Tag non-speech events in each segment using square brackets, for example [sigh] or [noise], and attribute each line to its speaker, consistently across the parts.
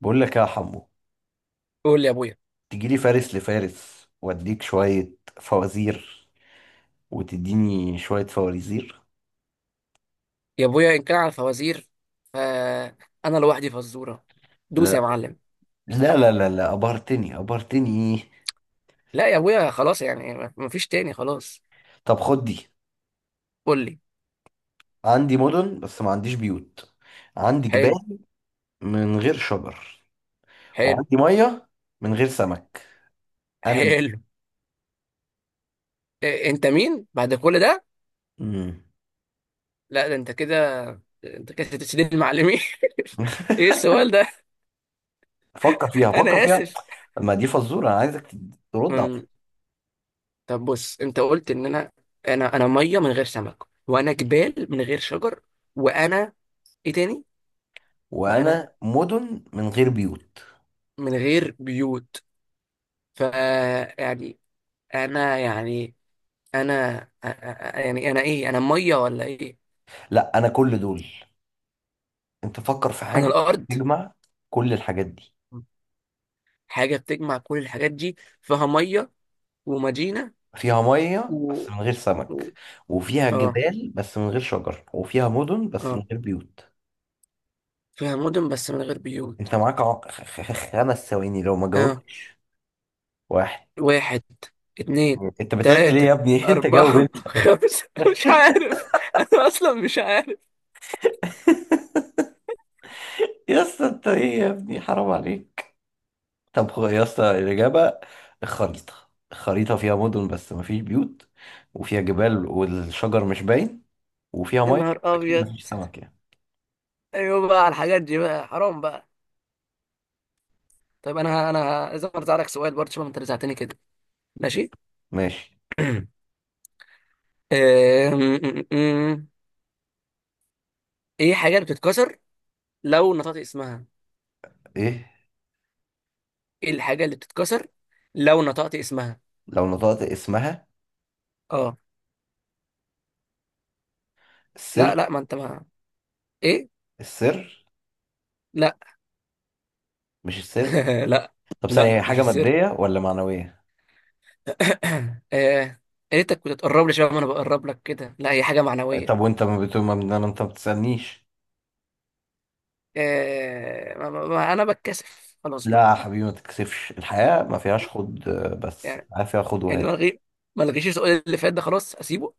Speaker 1: بقول لك يا حمو،
Speaker 2: قول لي يا ابويا.
Speaker 1: تجي لي فارس لفارس واديك شوية فوازير وتديني شوية فوازير.
Speaker 2: يا ابويا، ان كان على الفوازير فانا لوحدي فزوره. دوس يا
Speaker 1: لا
Speaker 2: معلم.
Speaker 1: لا لا لا لا، أبهرتني أبهرتني. إيه؟
Speaker 2: لا يا ابويا، خلاص يعني مفيش تاني، خلاص.
Speaker 1: طب خد دي.
Speaker 2: قول لي.
Speaker 1: عندي مدن بس ما عنديش بيوت، عندي
Speaker 2: حلو.
Speaker 1: جبال من غير شجر،
Speaker 2: حلو.
Speaker 1: وعندي مية من غير سمك. أنا مين؟
Speaker 2: حلو. إيه انت مين بعد كل ده؟
Speaker 1: مم.
Speaker 2: لا، ده انت كده، انت كده تسديد المعلمين.
Speaker 1: [laughs]
Speaker 2: [laughs] ايه السؤال ده؟
Speaker 1: فكر فيها، فكر
Speaker 2: انا
Speaker 1: فيها.
Speaker 2: اسف.
Speaker 1: ما دي فزورة أنا عايزك ترد عليها.
Speaker 2: أم، طب بص، انت قلت ان انا ميه من غير سمك، وانا جبال من غير شجر، وانا ايه تاني؟ وانا
Speaker 1: وأنا مدن من غير بيوت؟
Speaker 2: من غير بيوت. ف يعني يعني انا يعني انا ايه، انا ميه ولا ايه؟
Speaker 1: لا، أنا كل دول. انت فكر في
Speaker 2: انا
Speaker 1: حاجة
Speaker 2: الارض.
Speaker 1: تجمع كل الحاجات دي،
Speaker 2: حاجه بتجمع كل الحاجات دي، فيها ميه ومدينه
Speaker 1: فيها مية بس
Speaker 2: و...
Speaker 1: من غير
Speaker 2: و...
Speaker 1: سمك، وفيها
Speaker 2: اه.
Speaker 1: جبال بس من غير شجر، وفيها مدن بس من
Speaker 2: اه
Speaker 1: غير بيوت.
Speaker 2: فيها مدن بس من غير بيوت.
Speaker 1: انت معاك خمس ثواني لو ما
Speaker 2: اه.
Speaker 1: جاوبتش. واحد.
Speaker 2: واحد، اتنين،
Speaker 1: انت بتعد ليه يا
Speaker 2: تلاتة،
Speaker 1: ابني؟ [laughs] انت جاوب
Speaker 2: أربعة،
Speaker 1: انت.
Speaker 2: [laughs] خمسة. مش عارف، أنا أصلا مش عارف.
Speaker 1: يا اسطى انت ايه يا ابني، حرام عليك. طب يا اسطى، الاجابه الخريطه. الخريطه فيها مدن بس ما فيش بيوت، وفيها جبال والشجر مش باين، وفيها
Speaker 2: يا
Speaker 1: ميه
Speaker 2: نهار
Speaker 1: اكيد
Speaker 2: أبيض.
Speaker 1: ما فيش سمك يعني.
Speaker 2: أيوة بقى، على الحاجات دي بقى؟ حرام بقى. طيب أنا لازم أرزع لك سؤال برضه. شوف أنت رزعتني كده. ماشي.
Speaker 1: ماشي.
Speaker 2: [clears throat] أم- أم- أم. ايه حاجة اللي بتتكسر لو نطقت اسمها؟
Speaker 1: ايه
Speaker 2: ايه الحاجة اللي بتتكسر لو نطقت اسمها؟
Speaker 1: لو نطقت اسمها؟
Speaker 2: اه.
Speaker 1: السر.
Speaker 2: لا ما انت ما. ايه؟
Speaker 1: السر.
Speaker 2: لا.
Speaker 1: مش السر؟
Speaker 2: [laughs] لا،
Speaker 1: طب ثانية، هي
Speaker 2: لا مش
Speaker 1: حاجة
Speaker 2: السر.
Speaker 1: مادية ولا معنوية؟
Speaker 2: [coughs] آه، ريتك كنت تقرب لي شباب ما انا بقرب لك كده. لا، هي حاجة معنوية.
Speaker 1: طب وانت ما بتقول انت ما بتسألنيش؟
Speaker 2: انا بتكسف خلاص بقى.
Speaker 1: لا يا حبيبي، ما تتكسفش، الحياة ما فيهاش خد آه، بس
Speaker 2: يعني
Speaker 1: الحياة فيها خد
Speaker 2: يعني ما
Speaker 1: وهات.
Speaker 2: لغي ما لغيش السؤال اللي فات ده، خلاص اسيبه.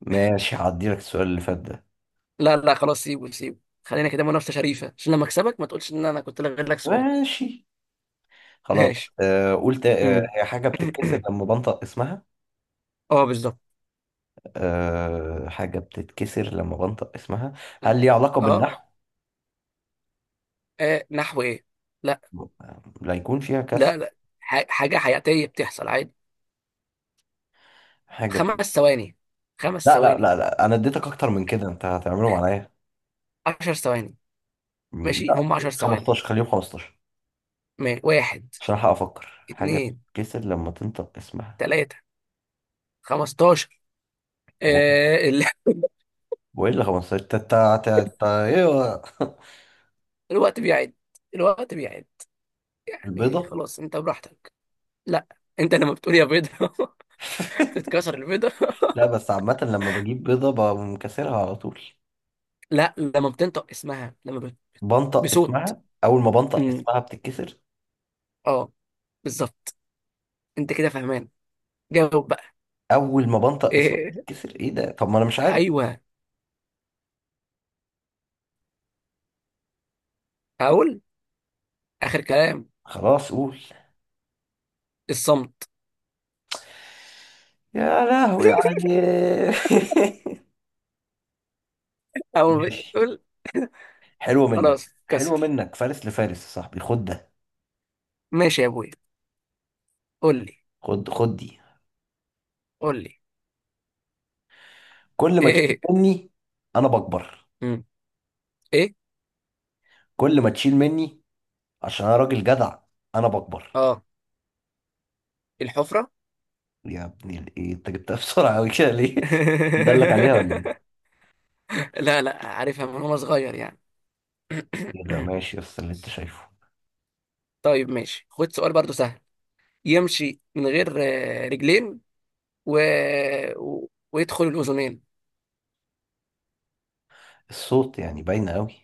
Speaker 1: ماشي، هعدي لك السؤال اللي فات ده.
Speaker 2: لا، لا خلاص سيبه، سيبه. خلينا كده منافسة شريفة، عشان لما اكسبك ما تقولش ان انا كنت لغيت لك سؤال.
Speaker 1: ماشي
Speaker 2: [laughs]
Speaker 1: خلاص
Speaker 2: ماشي.
Speaker 1: آه، قلت آه
Speaker 2: امم
Speaker 1: هي حاجة بتتكسر
Speaker 2: [coughs]
Speaker 1: لما بنطق اسمها.
Speaker 2: اه، بالظبط.
Speaker 1: آه حاجة بتتكسر لما بنطق اسمها. هل ليها علاقة
Speaker 2: اه.
Speaker 1: بالنحو؟
Speaker 2: نحو ايه؟ لا،
Speaker 1: لا يكون فيها كسر.
Speaker 2: لا، لا حاجه حياتيه بتحصل عادي.
Speaker 1: حاجة
Speaker 2: 5 ثواني. خمس
Speaker 1: لا لا
Speaker 2: ثواني
Speaker 1: لا لا، انا اديتك اكتر من كده، انت هتعملهم عليا.
Speaker 2: 10 ثواني.
Speaker 1: مم،
Speaker 2: ماشي
Speaker 1: لا.
Speaker 2: هم 10 ثواني.
Speaker 1: 15، خليهم 15
Speaker 2: واحد،
Speaker 1: عشان ألحق افكر حاجه
Speaker 2: اتنين،
Speaker 1: بتتكسر لما تنطق اسمها.
Speaker 2: تلاته، 15.
Speaker 1: هو
Speaker 2: آه [laughs]
Speaker 1: هو ايه اللي 15 تا تا تا تا ايه هو؟ [laughs]
Speaker 2: الوقت بيعد. الوقت بيعد. يعني
Speaker 1: البيضه.
Speaker 2: خلاص انت براحتك. لا، انت لما بتقول يا بيضه، [laughs]
Speaker 1: [laughs]
Speaker 2: تتكسر البيضه. [laughs]
Speaker 1: لا بس عامه لما بجيب بيضه بقوم كاسرها على طول.
Speaker 2: لا، لما بتنطق اسمها، لما
Speaker 1: بنطق
Speaker 2: بصوت.
Speaker 1: اسمها، اول ما بنطق
Speaker 2: امم
Speaker 1: اسمها بتتكسر.
Speaker 2: اه، بالظبط. انت كده فاهمان، جاوب بقى.
Speaker 1: اول ما بنطق اسمها
Speaker 2: إيه.
Speaker 1: بتتكسر ايه ده؟ طب ما انا مش عارف.
Speaker 2: ايوه، هقول اخر كلام:
Speaker 1: خلاص قول.
Speaker 2: الصمت.
Speaker 1: يا لهوي
Speaker 2: [laughs]
Speaker 1: عليك. [laughs]
Speaker 2: اول ما
Speaker 1: ماشي،
Speaker 2: بتقول، [laughs]
Speaker 1: حلوة منك.
Speaker 2: خلاص
Speaker 1: حلوة
Speaker 2: كسر.
Speaker 1: منك، فارس لفارس يا صاحبي، خد ده.
Speaker 2: ماشي يا ابويا. قول لي
Speaker 1: خد خد دي.
Speaker 2: قول لي
Speaker 1: كل ما تشيل
Speaker 2: ايه؟
Speaker 1: مني انا بكبر.
Speaker 2: مم. ايه.
Speaker 1: كل ما تشيل مني، عشان انا راجل جدع، انا بكبر.
Speaker 2: اه، الحفرة.
Speaker 1: يا ابني الايه انت جبتها بسرعه قوي كده ليه؟ [laughs] دلك عليها ولا ايه؟
Speaker 2: [laughs] لا، لا عارفها من وانا صغير يعني.
Speaker 1: إيه ده؟
Speaker 2: [clears throat]
Speaker 1: ماشي بس اللي انت شايفه.
Speaker 2: طيب ماشي. خد سؤال برضو سهل. يمشي من غير رجلين، و... ويدخل الاذنين.
Speaker 1: الصوت يعني باينه قوي.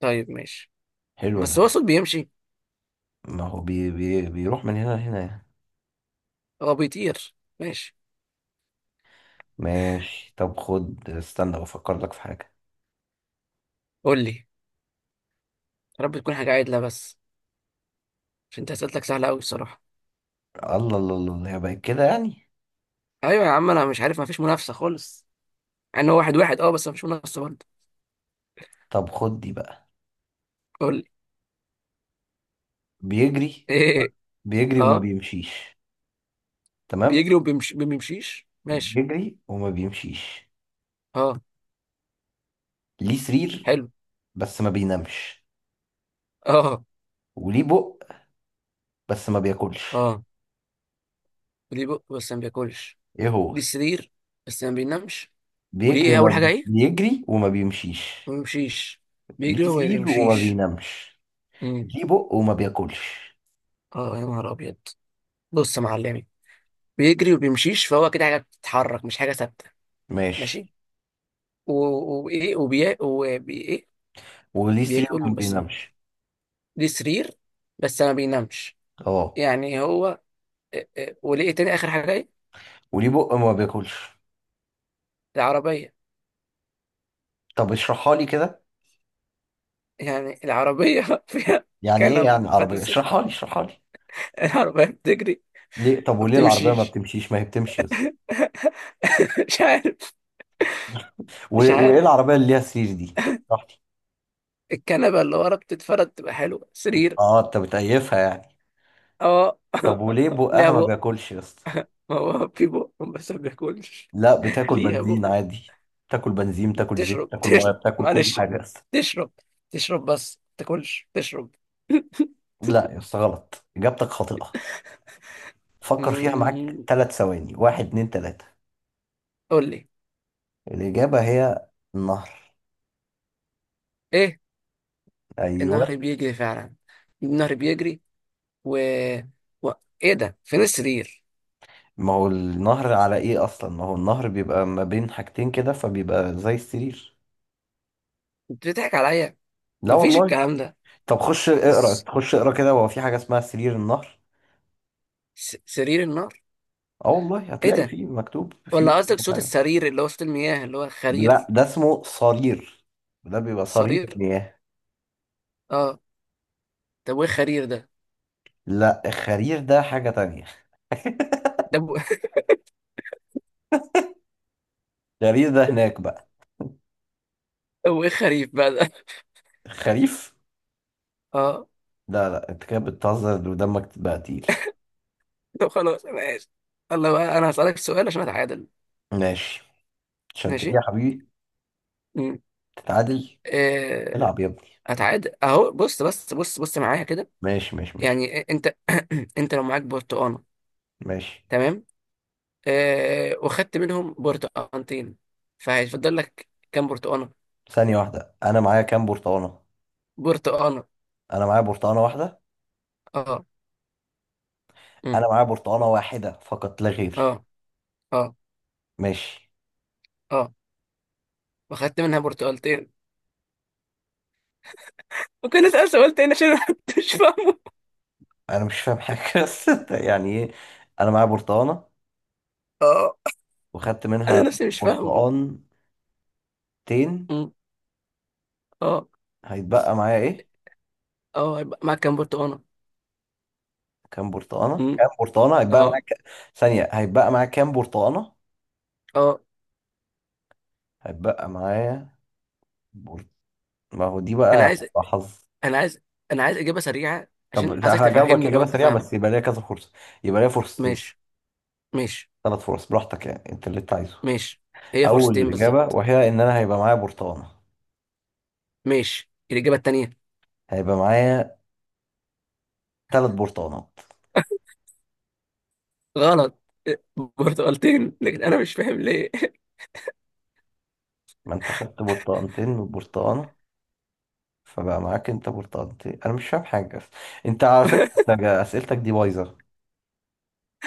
Speaker 2: طيب ماشي.
Speaker 1: حلو ده.
Speaker 2: بس هو صوت بيمشي.
Speaker 1: ما هو بي بي بيروح من هنا لهنا يعني.
Speaker 2: هو بيطير. ماشي.
Speaker 1: ماشي، طب خد، استنى بفكر لك في حاجه.
Speaker 2: قول لي. يا رب تكون حاجة عادلة بس، عشان انت اسئلتك سهلة قوي الصراحة.
Speaker 1: الله الله الله الله، هي بقت كده يعني؟
Speaker 2: ايوه يا عم، انا مش عارف، ما فيش منافسه خالص. مع ان هو واحد واحد اه، بس ما فيش منافسه برضه.
Speaker 1: طب خد دي بقى.
Speaker 2: قول لي. [laughs]
Speaker 1: بيجري.
Speaker 2: ايه.
Speaker 1: بيجري وما
Speaker 2: اه.
Speaker 1: بيمشيش. تمام.
Speaker 2: بيجري ما بيمشيش ماشي.
Speaker 1: بيجري وما بيمشيش.
Speaker 2: اه،
Speaker 1: ليه سرير
Speaker 2: حلو.
Speaker 1: بس ما بينامش.
Speaker 2: اه.
Speaker 1: وليه بق بس ما بياكلش.
Speaker 2: اه وليه بق بس ما بياكلش،
Speaker 1: ايه هو؟
Speaker 2: ليه سرير بس ما بينامش، وليه
Speaker 1: بيجري
Speaker 2: ايه اول حاجه ايه؟
Speaker 1: بيجري وما بيمشيش.
Speaker 2: ما بيمشيش. بيجري
Speaker 1: ليه
Speaker 2: وما
Speaker 1: سرير وما
Speaker 2: بيمشيش.
Speaker 1: بينامش.
Speaker 2: امم
Speaker 1: ليه بق وما بياكلش.
Speaker 2: اه، يا نهار ابيض. بص يا معلمي، بيجري وبيمشيش فهو كده حاجه بتتحرك مش حاجه ثابته.
Speaker 1: ماشي.
Speaker 2: ماشي. وايه وبي ايه؟
Speaker 1: وليه سرير
Speaker 2: بياكل
Speaker 1: وما
Speaker 2: بس.
Speaker 1: بينامش.
Speaker 2: ليه سرير بس ما بينامش.
Speaker 1: اه.
Speaker 2: يعني هو، إيه؟ إيه، ولقي تاني اخر حاجه ايه؟
Speaker 1: وليه بق وما بياكلش.
Speaker 2: العربيه.
Speaker 1: طب اشرحها لي كده.
Speaker 2: يعني العربيه [laughs] فيها
Speaker 1: يعني ايه
Speaker 2: كنب
Speaker 1: يعني عربية،
Speaker 2: فدسك.
Speaker 1: اشرحها لي، اشرحها لي.
Speaker 2: العربيه بتجري،
Speaker 1: ليه؟ طب
Speaker 2: ما
Speaker 1: وليه العربية ما
Speaker 2: بتمشيش.
Speaker 1: بتمشيش؟ ما هي بتمشي يا اسطى.
Speaker 2: [laughs] مش عارف،
Speaker 1: و...
Speaker 2: مش
Speaker 1: وايه
Speaker 2: عارف.
Speaker 1: العربية اللي ليها سرير دي؟ براحتي.
Speaker 2: الكنبه اللي ورا بتتفرد تبقى حلوه سرير.
Speaker 1: اه، انت بتقيفها يعني.
Speaker 2: اه.
Speaker 1: طب وليه
Speaker 2: [laughs] ليها
Speaker 1: بقها ما
Speaker 2: بق.
Speaker 1: بياكلش يا اسطى؟
Speaker 2: ما هو في بق بس ما بياكلش.
Speaker 1: لا، بتاكل
Speaker 2: ليها بق.
Speaker 1: بنزين عادي. بتاكل بنزين، بتاكل زيت،
Speaker 2: بتشرب،
Speaker 1: بتاكل ميه،
Speaker 2: تشرب.
Speaker 1: بتاكل كل
Speaker 2: معلش.
Speaker 1: حاجه يا اسطى.
Speaker 2: تشرب. تشرب بس ما تاكلش. تشرب. [laughs]
Speaker 1: لا يا اسطى، غلط، اجابتك خاطئه. فكر فيها، معاك
Speaker 2: أمم،
Speaker 1: ثلاث ثواني. واحد، اتنين، تلاته.
Speaker 2: قول لي.
Speaker 1: الاجابه هي النهر.
Speaker 2: ايه.
Speaker 1: ايوه.
Speaker 2: النهر بيجري فعلا. النهر بيجري و... و... ايه ده؟ فين السرير؟
Speaker 1: ما هو النهر على ايه اصلا؟ ما هو النهر بيبقى ما بين حاجتين كده فبيبقى زي السرير.
Speaker 2: انت بتضحك عليا،
Speaker 1: لا
Speaker 2: مفيش
Speaker 1: والله.
Speaker 2: الكلام ده.
Speaker 1: طب خش اقرا،
Speaker 2: بس
Speaker 1: خش اقرا كده، هو في حاجه اسمها سرير النهر.
Speaker 2: سرير النار؟
Speaker 1: اه والله،
Speaker 2: ايه
Speaker 1: هتلاقي
Speaker 2: ده؟
Speaker 1: فيه مكتوب فيه.
Speaker 2: ولا قصدك صوت السرير اللي هو صوت المياه اللي هو
Speaker 1: لا،
Speaker 2: خرير؟
Speaker 1: ده اسمه صرير. ده بيبقى صرير
Speaker 2: صرير،
Speaker 1: المياه.
Speaker 2: اه. طب وايه خرير ده؟
Speaker 1: لا الخريف ده حاجة تانية.
Speaker 2: ده [laughs]
Speaker 1: [laughs] الخريف ده هناك بقى.
Speaker 2: طب وايه خريف بقى ده؟
Speaker 1: الخريف.
Speaker 2: [laughs] اه.
Speaker 1: لا لا، انت كده بتهزر ودمك بقى تقيل.
Speaker 2: طب خلاص، انا اسف. الله بقى، انا هسألك سؤال عشان اتعادل.
Speaker 1: ماشي، عشان تيجي
Speaker 2: ماشي.
Speaker 1: يا حبيبي
Speaker 2: امم
Speaker 1: تتعادل.
Speaker 2: إيه...
Speaker 1: العب يا ابني.
Speaker 2: اتعادل اهو. بص، بس بص، بص معايا كده.
Speaker 1: ماشي ماشي ماشي
Speaker 2: يعني انت [clears throat] انت لو معاك برتقانه،
Speaker 1: ماشي.
Speaker 2: تمام؟ وخدت منهم برتقانتين، فهيفضل لك كام برتقانة؟
Speaker 1: ثانية واحدة، انا معايا كام برتقانة؟
Speaker 2: برتقانة.
Speaker 1: انا معايا برتقانة واحدة.
Speaker 2: اه. أمم،
Speaker 1: انا معايا برتقانة واحدة فقط لا غير.
Speaker 2: اه. اه.
Speaker 1: ماشي.
Speaker 2: اه، وخدت منها برتقالتين. ممكن اسأل سؤال تاني عشان أنا [laughs] مش فاهمه؟
Speaker 1: انا مش فاهم حاجة [laughs] بس انت يعني ايه؟ انا معايا برتقانة
Speaker 2: اه،
Speaker 1: وخدت
Speaker 2: انا
Speaker 1: منها
Speaker 2: نفسي مش فاهمه.
Speaker 1: برتقانتين،
Speaker 2: أمم، اه.
Speaker 1: هيتبقى معايا ايه؟
Speaker 2: اه هيبقى معاك كام برتقانة؟
Speaker 1: كام برتقانة؟
Speaker 2: أمم،
Speaker 1: كام برتقانة هيتبقى
Speaker 2: اه.
Speaker 1: معاك؟ ثانية، هيتبقى معاك كام برتقانة؟
Speaker 2: اه
Speaker 1: هيتبقى معايا بر... ما هو دي
Speaker 2: انا
Speaker 1: بقى
Speaker 2: عايز
Speaker 1: هتبقى حظ.
Speaker 2: انا عايز انا عايز اجابة سريعة. عشان
Speaker 1: طب
Speaker 2: عايزك
Speaker 1: هجاوبك
Speaker 2: تفهمني لو
Speaker 1: إجابة
Speaker 2: انت
Speaker 1: سريعة
Speaker 2: فاهم.
Speaker 1: بس يبقى ليا كذا فرصة. يبقى ليا فرصتين.
Speaker 2: ماشي. ماشي.
Speaker 1: ثلاث فرص، براحتك يعني أنت اللي أنت عايزه.
Speaker 2: ماشي. هي
Speaker 1: أول
Speaker 2: فرصتين
Speaker 1: إجابة،
Speaker 2: بالظبط.
Speaker 1: وهي إن أنا هيبقى معايا برتقانة.
Speaker 2: ماشي الإجابة التانية.
Speaker 1: هيبقى معايا ثلاث برتقانات.
Speaker 2: غلط. برتقالتين، لكن انا مش فاهم ليه. [laughs]
Speaker 1: ما أنت خدت برتقانتين من البرتقانة، فبقى معاك أنت برتقانتين، أنا مش فاهم حاجة. أنت على فكرة أنت أسئلتك دي بايظة.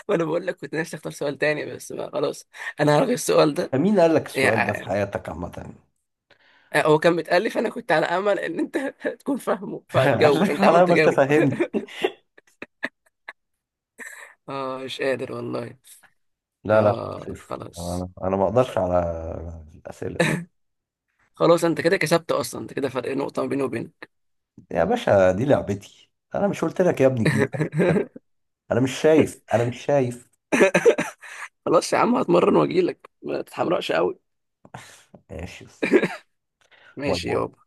Speaker 2: وانا بقول لك كنت نفسي اختار سؤال تاني، بس بقى خلاص. انا هلغي السؤال ده.
Speaker 1: مين قال لك السؤال ده في
Speaker 2: يعني
Speaker 1: حياتك عامة؟
Speaker 2: هو كان متألف، انا كنت على امل ان انت [laughs] تكون فاهمه
Speaker 1: [laughs] قال
Speaker 2: فهتجاوب،
Speaker 1: لك
Speaker 2: عشان انت عمال
Speaker 1: حلاوه ما
Speaker 2: تجاوب.
Speaker 1: تفهمني.
Speaker 2: [laughs] اه مش قادر والله.
Speaker 1: لا لا خلاص
Speaker 2: اه
Speaker 1: اقفل.
Speaker 2: خلاص.
Speaker 1: انا ما اقدرش على الاسئله دي.
Speaker 2: خلاص، انت كده كسبت اصلا. انت كده فرق نقطة ما بيني وبينك.
Speaker 1: يا باشا دي لعبتي، انا مش قلت لك يا ابني الجيل ده.
Speaker 2: [laughs]
Speaker 1: انا مش شايف، انا مش شايف.
Speaker 2: خلاص يا عم، هتمرن واجيلك، ما تتحمرقش قوي.
Speaker 1: ماشي. باي
Speaker 2: ماشي
Speaker 1: باي.
Speaker 2: يابا.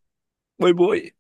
Speaker 2: باي باي.